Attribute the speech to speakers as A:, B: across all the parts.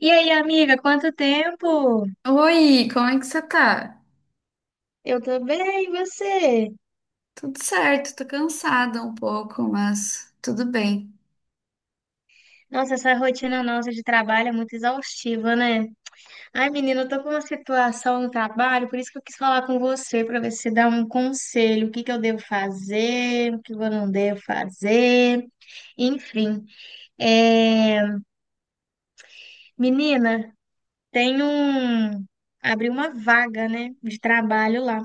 A: E aí, amiga, quanto tempo?
B: Oi, como é que você tá?
A: Eu tô bem, e você?
B: Tudo certo, tô cansada um pouco, mas tudo bem.
A: Nossa, essa rotina nossa de trabalho é muito exaustiva, né? Ai, menina, eu tô com uma situação no trabalho, por isso que eu quis falar com você, pra ver se você dá um conselho, o que que eu devo fazer, o que eu não devo fazer, enfim. É... Menina, tem um... abriu uma vaga, né, de trabalho lá.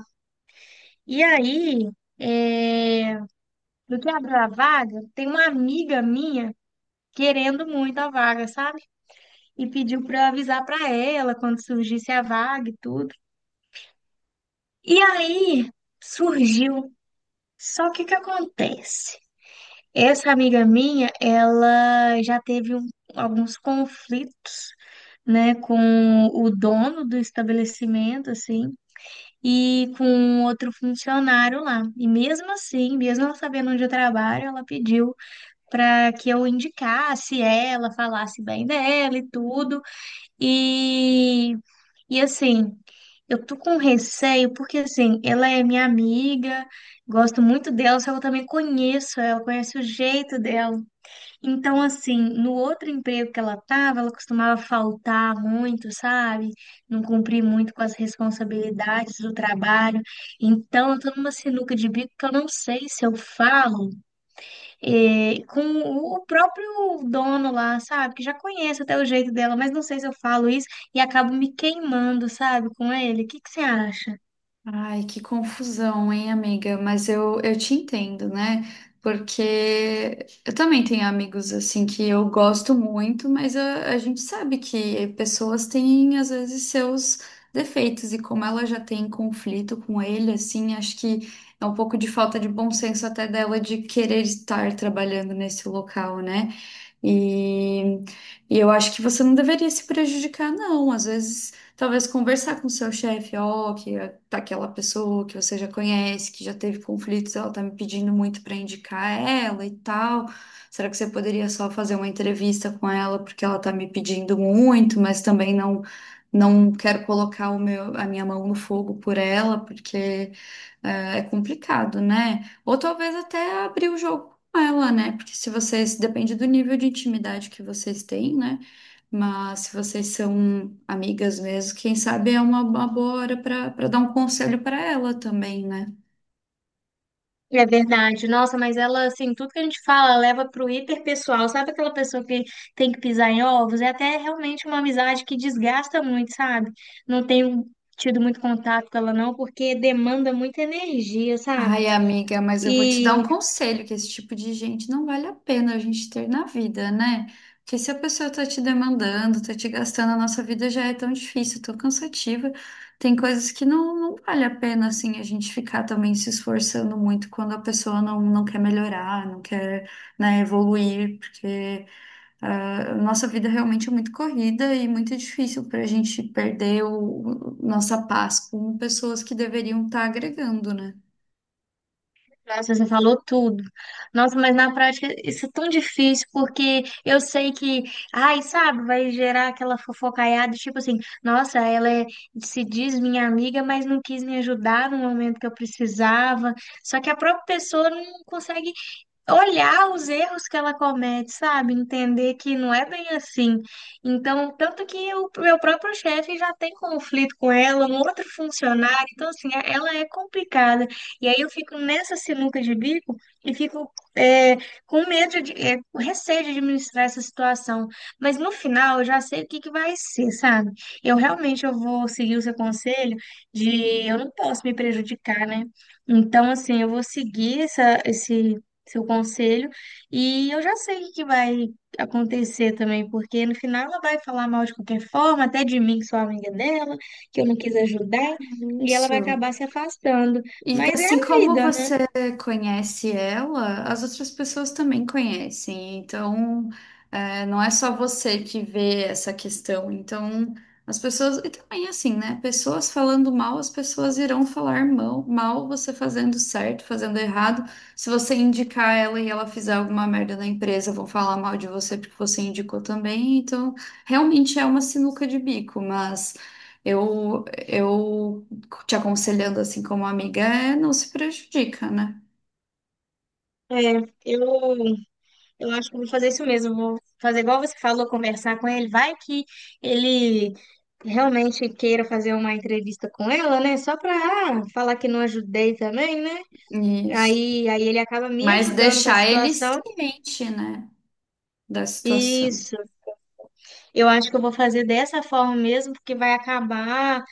A: E aí, é... no que abriu a vaga, tem uma amiga minha querendo muito a vaga, sabe? E pediu para avisar para ela quando surgisse a vaga e tudo. E aí surgiu. Só que o que acontece? Essa amiga minha, ela alguns conflitos, né, com o dono do estabelecimento, assim, e com outro funcionário lá. E mesmo assim, mesmo ela sabendo onde eu trabalho, ela pediu para que eu indicasse ela, falasse bem dela e tudo. E, e assim, eu tô com receio porque assim, ela é minha amiga, gosto muito dela, só que eu também conheço ela, conheço o jeito dela. Então, assim, no outro emprego que ela tava, ela costumava faltar muito, sabe? Não cumprir muito com as responsabilidades do trabalho. Então, eu tô numa sinuca de bico que eu não sei se eu falo com o próprio dono lá, sabe? Que já conheço até o jeito dela, mas não sei se eu falo isso e acabo me queimando, sabe? Com ele. O que que você acha?
B: Ai, que confusão, hein, amiga? Mas eu te entendo, né? Porque eu também tenho amigos assim que eu gosto muito, mas a gente sabe que pessoas têm às vezes seus defeitos, e como ela já tem conflito com ele, assim, acho que é um pouco de falta de bom senso até dela de querer estar trabalhando nesse local, né? E, e eu acho que você não deveria se prejudicar, não. Às vezes, talvez conversar com o seu chefe, ó, tá aquela pessoa que você já conhece, que já teve conflitos, ela tá me pedindo muito para indicar ela e tal. Será que você poderia só fazer uma entrevista com ela porque ela tá me pedindo muito, mas também não quero colocar a minha mão no fogo por ela, porque é complicado, né? Ou talvez até abrir o jogo ela, né? Porque se vocês, depende do nível de intimidade que vocês têm, né? Mas se vocês são amigas mesmo, quem sabe é uma boa hora para dar um conselho para ela também, né?
A: É verdade. Nossa, mas ela, assim, tudo que a gente fala leva pro hiperpessoal. Sabe aquela pessoa que tem que pisar em ovos? É até realmente uma amizade que desgasta muito, sabe? Não tenho tido muito contato com ela, não, porque demanda muita energia, sabe?
B: Ai, amiga, mas eu vou te dar um
A: E.
B: conselho, que esse tipo de gente não vale a pena a gente ter na vida, né? Porque se a pessoa tá te demandando, tá te gastando, a nossa vida já é tão difícil, tão cansativa. Tem coisas que não vale a pena, assim, a gente ficar também se esforçando muito quando a pessoa não quer melhorar, não quer, né, evoluir, porque a nossa vida realmente é muito corrida e muito difícil pra gente perder nossa paz com pessoas que deveriam estar agregando, né?
A: Nossa, você falou tudo. Nossa, mas na prática isso é tão difícil, porque eu sei que, ai, sabe, vai gerar aquela fofocaiada, tipo assim, nossa, se diz minha amiga, mas não quis me ajudar no momento que eu precisava. Só que a própria pessoa não consegue olhar os erros que ela comete, sabe? Entender que não é bem assim. Então, tanto que o meu próprio chefe já tem conflito com ela, um outro funcionário. Então, assim, ela é complicada. E aí eu fico nessa sinuca de bico e fico é, com medo de, com receio de administrar essa situação. Mas no final eu já sei o que que vai ser, sabe? Eu realmente eu vou seguir o seu conselho de eu não posso me prejudicar, né? Então, assim, eu vou seguir esse seu conselho. E eu já sei o que que vai acontecer também, porque no final ela vai falar mal de qualquer forma, até de mim, que sou amiga dela, que eu não quis ajudar, e ela vai
B: Isso.
A: acabar se afastando.
B: E
A: Mas é
B: assim
A: a
B: como
A: vida, né?
B: você conhece ela, as outras pessoas também conhecem. Então, é, não é só você que vê essa questão. Então, as pessoas. E também, assim, né? Pessoas falando mal, as pessoas irão falar mal, mal você fazendo certo, fazendo errado. Se você indicar ela e ela fizer alguma merda na empresa, vão falar mal de você porque você indicou também. Então, realmente é uma sinuca de bico, mas. Eu te aconselhando assim como amiga é não se prejudica, né?
A: É, eu, eu acho que eu vou fazer isso mesmo. Vou fazer igual você falou, conversar com ele. Vai que ele realmente queira fazer uma entrevista com ela, né? Só pra falar que não ajudei também, né?
B: Isso.
A: Aí ele acaba me
B: Mas
A: ajudando com a
B: deixar ele
A: situação.
B: ciente, né, da situação.
A: Isso. Eu acho que eu vou fazer dessa forma mesmo, porque vai acabar.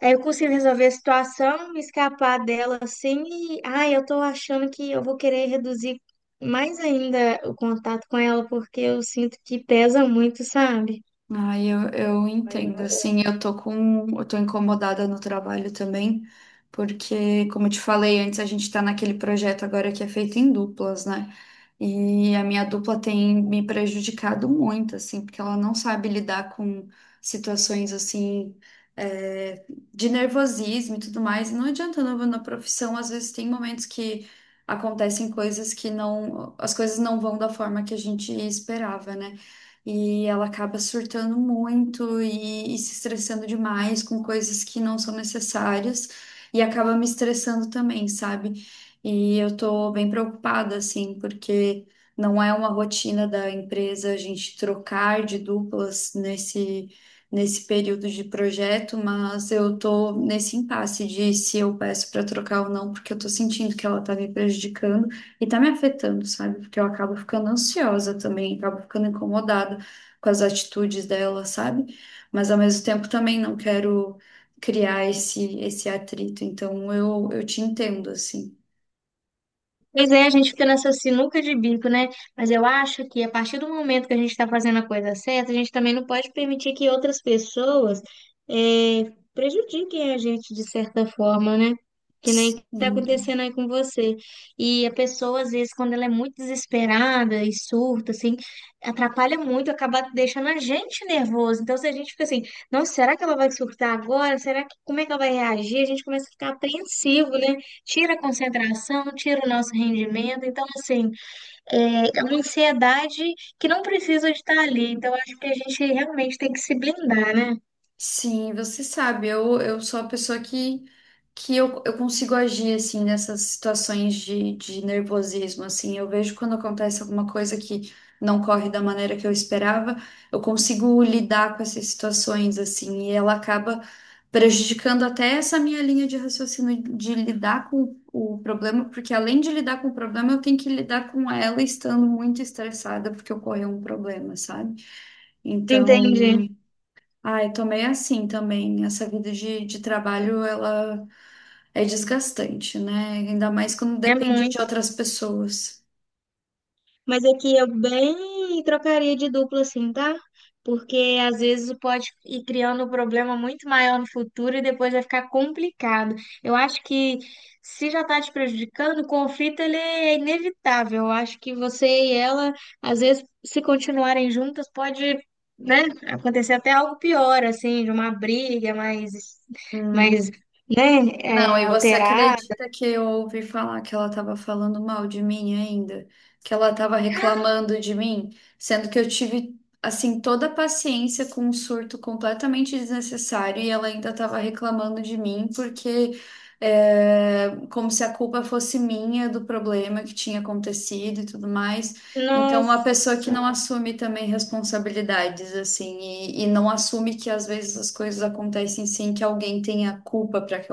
A: Aí eu consigo resolver a situação, me escapar dela assim. E, ai, eu tô achando que eu vou querer reduzir mais ainda o contato com ela, porque eu sinto que pesa muito, sabe?
B: Ai, eu entendo, assim, eu tô incomodada no trabalho também, porque, como eu te falei antes, a gente tá naquele projeto agora que é feito em duplas, né? E a minha dupla tem me prejudicado muito, assim, porque ela não sabe lidar com situações, assim, é, de nervosismo e tudo mais. E não adianta, não, na profissão, às vezes tem momentos que acontecem coisas que não, as coisas não vão da forma que a gente esperava, né? E ela acaba surtando muito e se estressando demais com coisas que não são necessárias e acaba me estressando também, sabe? E eu tô bem preocupada, assim, porque não é uma rotina da empresa a gente trocar de duplas nesse. Nesse período de projeto, mas eu tô nesse impasse de se eu peço para trocar ou não, porque eu tô sentindo que ela tá me prejudicando e tá me afetando, sabe? Porque eu acabo ficando ansiosa também, acabo ficando incomodada com as atitudes dela, sabe? Mas ao mesmo tempo também não quero criar esse atrito. Então eu te entendo, assim.
A: Pois é, a gente fica nessa sinuca de bico, né? Mas eu acho que a partir do momento que a gente está fazendo a coisa certa, a gente também não pode permitir que outras pessoas prejudiquem a gente de certa forma, né? Que nem está
B: Sim.
A: acontecendo aí com você. E a pessoa, às vezes, quando ela é muito desesperada e surta, assim, atrapalha muito, acaba deixando a gente nervoso. Então, se a gente fica assim, nossa, será que ela vai surtar agora? Será que, como é que ela vai reagir? A gente começa a ficar apreensivo, né? Tira a concentração, tira o nosso rendimento. Então, assim, é uma ansiedade que não precisa de estar ali. Então, acho que a gente realmente tem que se blindar, né?
B: Sim, você sabe, eu sou a pessoa que, eu consigo agir, assim, nessas situações de nervosismo, assim, eu vejo quando acontece alguma coisa que não corre da maneira que eu esperava, eu consigo lidar com essas situações, assim, e ela acaba prejudicando até essa minha linha de raciocínio de lidar com o problema, porque além de lidar com o problema, eu tenho que lidar com ela estando muito estressada porque ocorreu um problema, sabe? Então,
A: Entendi.
B: ai, tomei assim também. Essa vida de trabalho, ela é desgastante, né? Ainda mais quando
A: É
B: depende de
A: muito.
B: outras pessoas.
A: Mas aqui eu bem trocaria de dupla, assim, tá? Porque às vezes pode ir criando um problema muito maior no futuro e depois vai ficar complicado. Eu acho que se já tá te prejudicando, o conflito ele é inevitável. Eu acho que você e ela, às vezes, se continuarem juntas, pode, né, acontecer até algo pior, assim, de uma briga mais, né,
B: Não, e você
A: alterada.
B: acredita que eu ouvi falar que ela estava falando mal de mim ainda? Que ela estava reclamando de mim? Sendo que eu tive, assim, toda a paciência com um surto completamente desnecessário e ela ainda estava reclamando de mim porque, é, como se a culpa fosse minha do problema que tinha acontecido e tudo mais. Então, uma pessoa que
A: Nossa,
B: não assume também responsabilidades, assim, e não assume que às vezes as coisas acontecem sem que alguém tenha culpa para que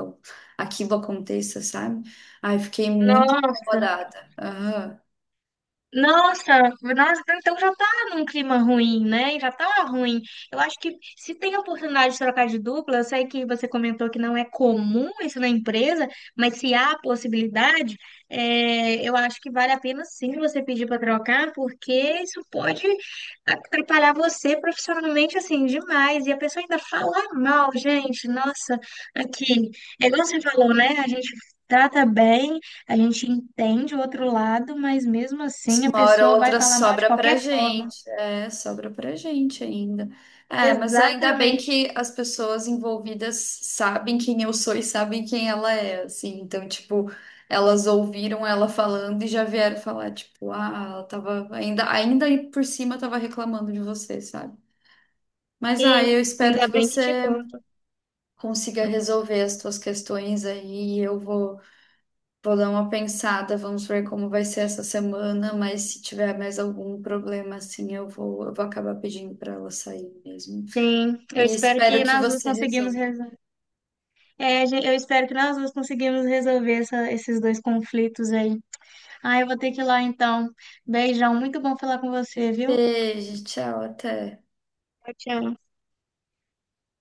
B: aquilo aconteça, sabe? Ai, fiquei muito
A: nossa.
B: incomodada. Aham.
A: Nossa, nossa, então já tá num clima ruim, né? Já tá ruim. Eu acho que se tem a oportunidade de trocar de dupla, eu sei que você comentou que não é comum isso na empresa, mas se há a possibilidade, eu acho que vale a pena sim você pedir para trocar, porque isso pode atrapalhar você profissionalmente assim demais. E a pessoa ainda fala mal, gente. Nossa, aqui, é igual você falou, né? A gente trata bem. A gente entende o outro lado, mas mesmo assim a
B: Uma hora ou
A: pessoa vai
B: outra
A: falar mal de
B: sobra pra
A: qualquer forma.
B: gente. É, sobra pra gente ainda. É, mas ainda bem
A: Exatamente.
B: que as pessoas envolvidas sabem quem eu sou e sabem quem ela é, assim. Então, tipo, elas ouviram ela falando e já vieram falar, tipo, ah, ela tava ainda por cima tava reclamando de você, sabe? Mas, ah,
A: E
B: eu espero
A: ainda
B: que
A: bem que te
B: você
A: conto.
B: consiga resolver as tuas questões aí. Eu vou Vou dar uma pensada, vamos ver como vai ser essa semana, mas se tiver mais algum problema assim, eu vou acabar pedindo para ela sair mesmo.
A: Sim, eu
B: E
A: espero
B: espero
A: que
B: que
A: nós duas
B: você resolva.
A: conseguimos resolver. Eu espero que nós duas conseguimos resolver esses dois conflitos aí. Ah, eu vou ter que ir lá então. Beijão, muito bom falar com você, viu?
B: Beijo, tchau, até.
A: Tchau, tchau.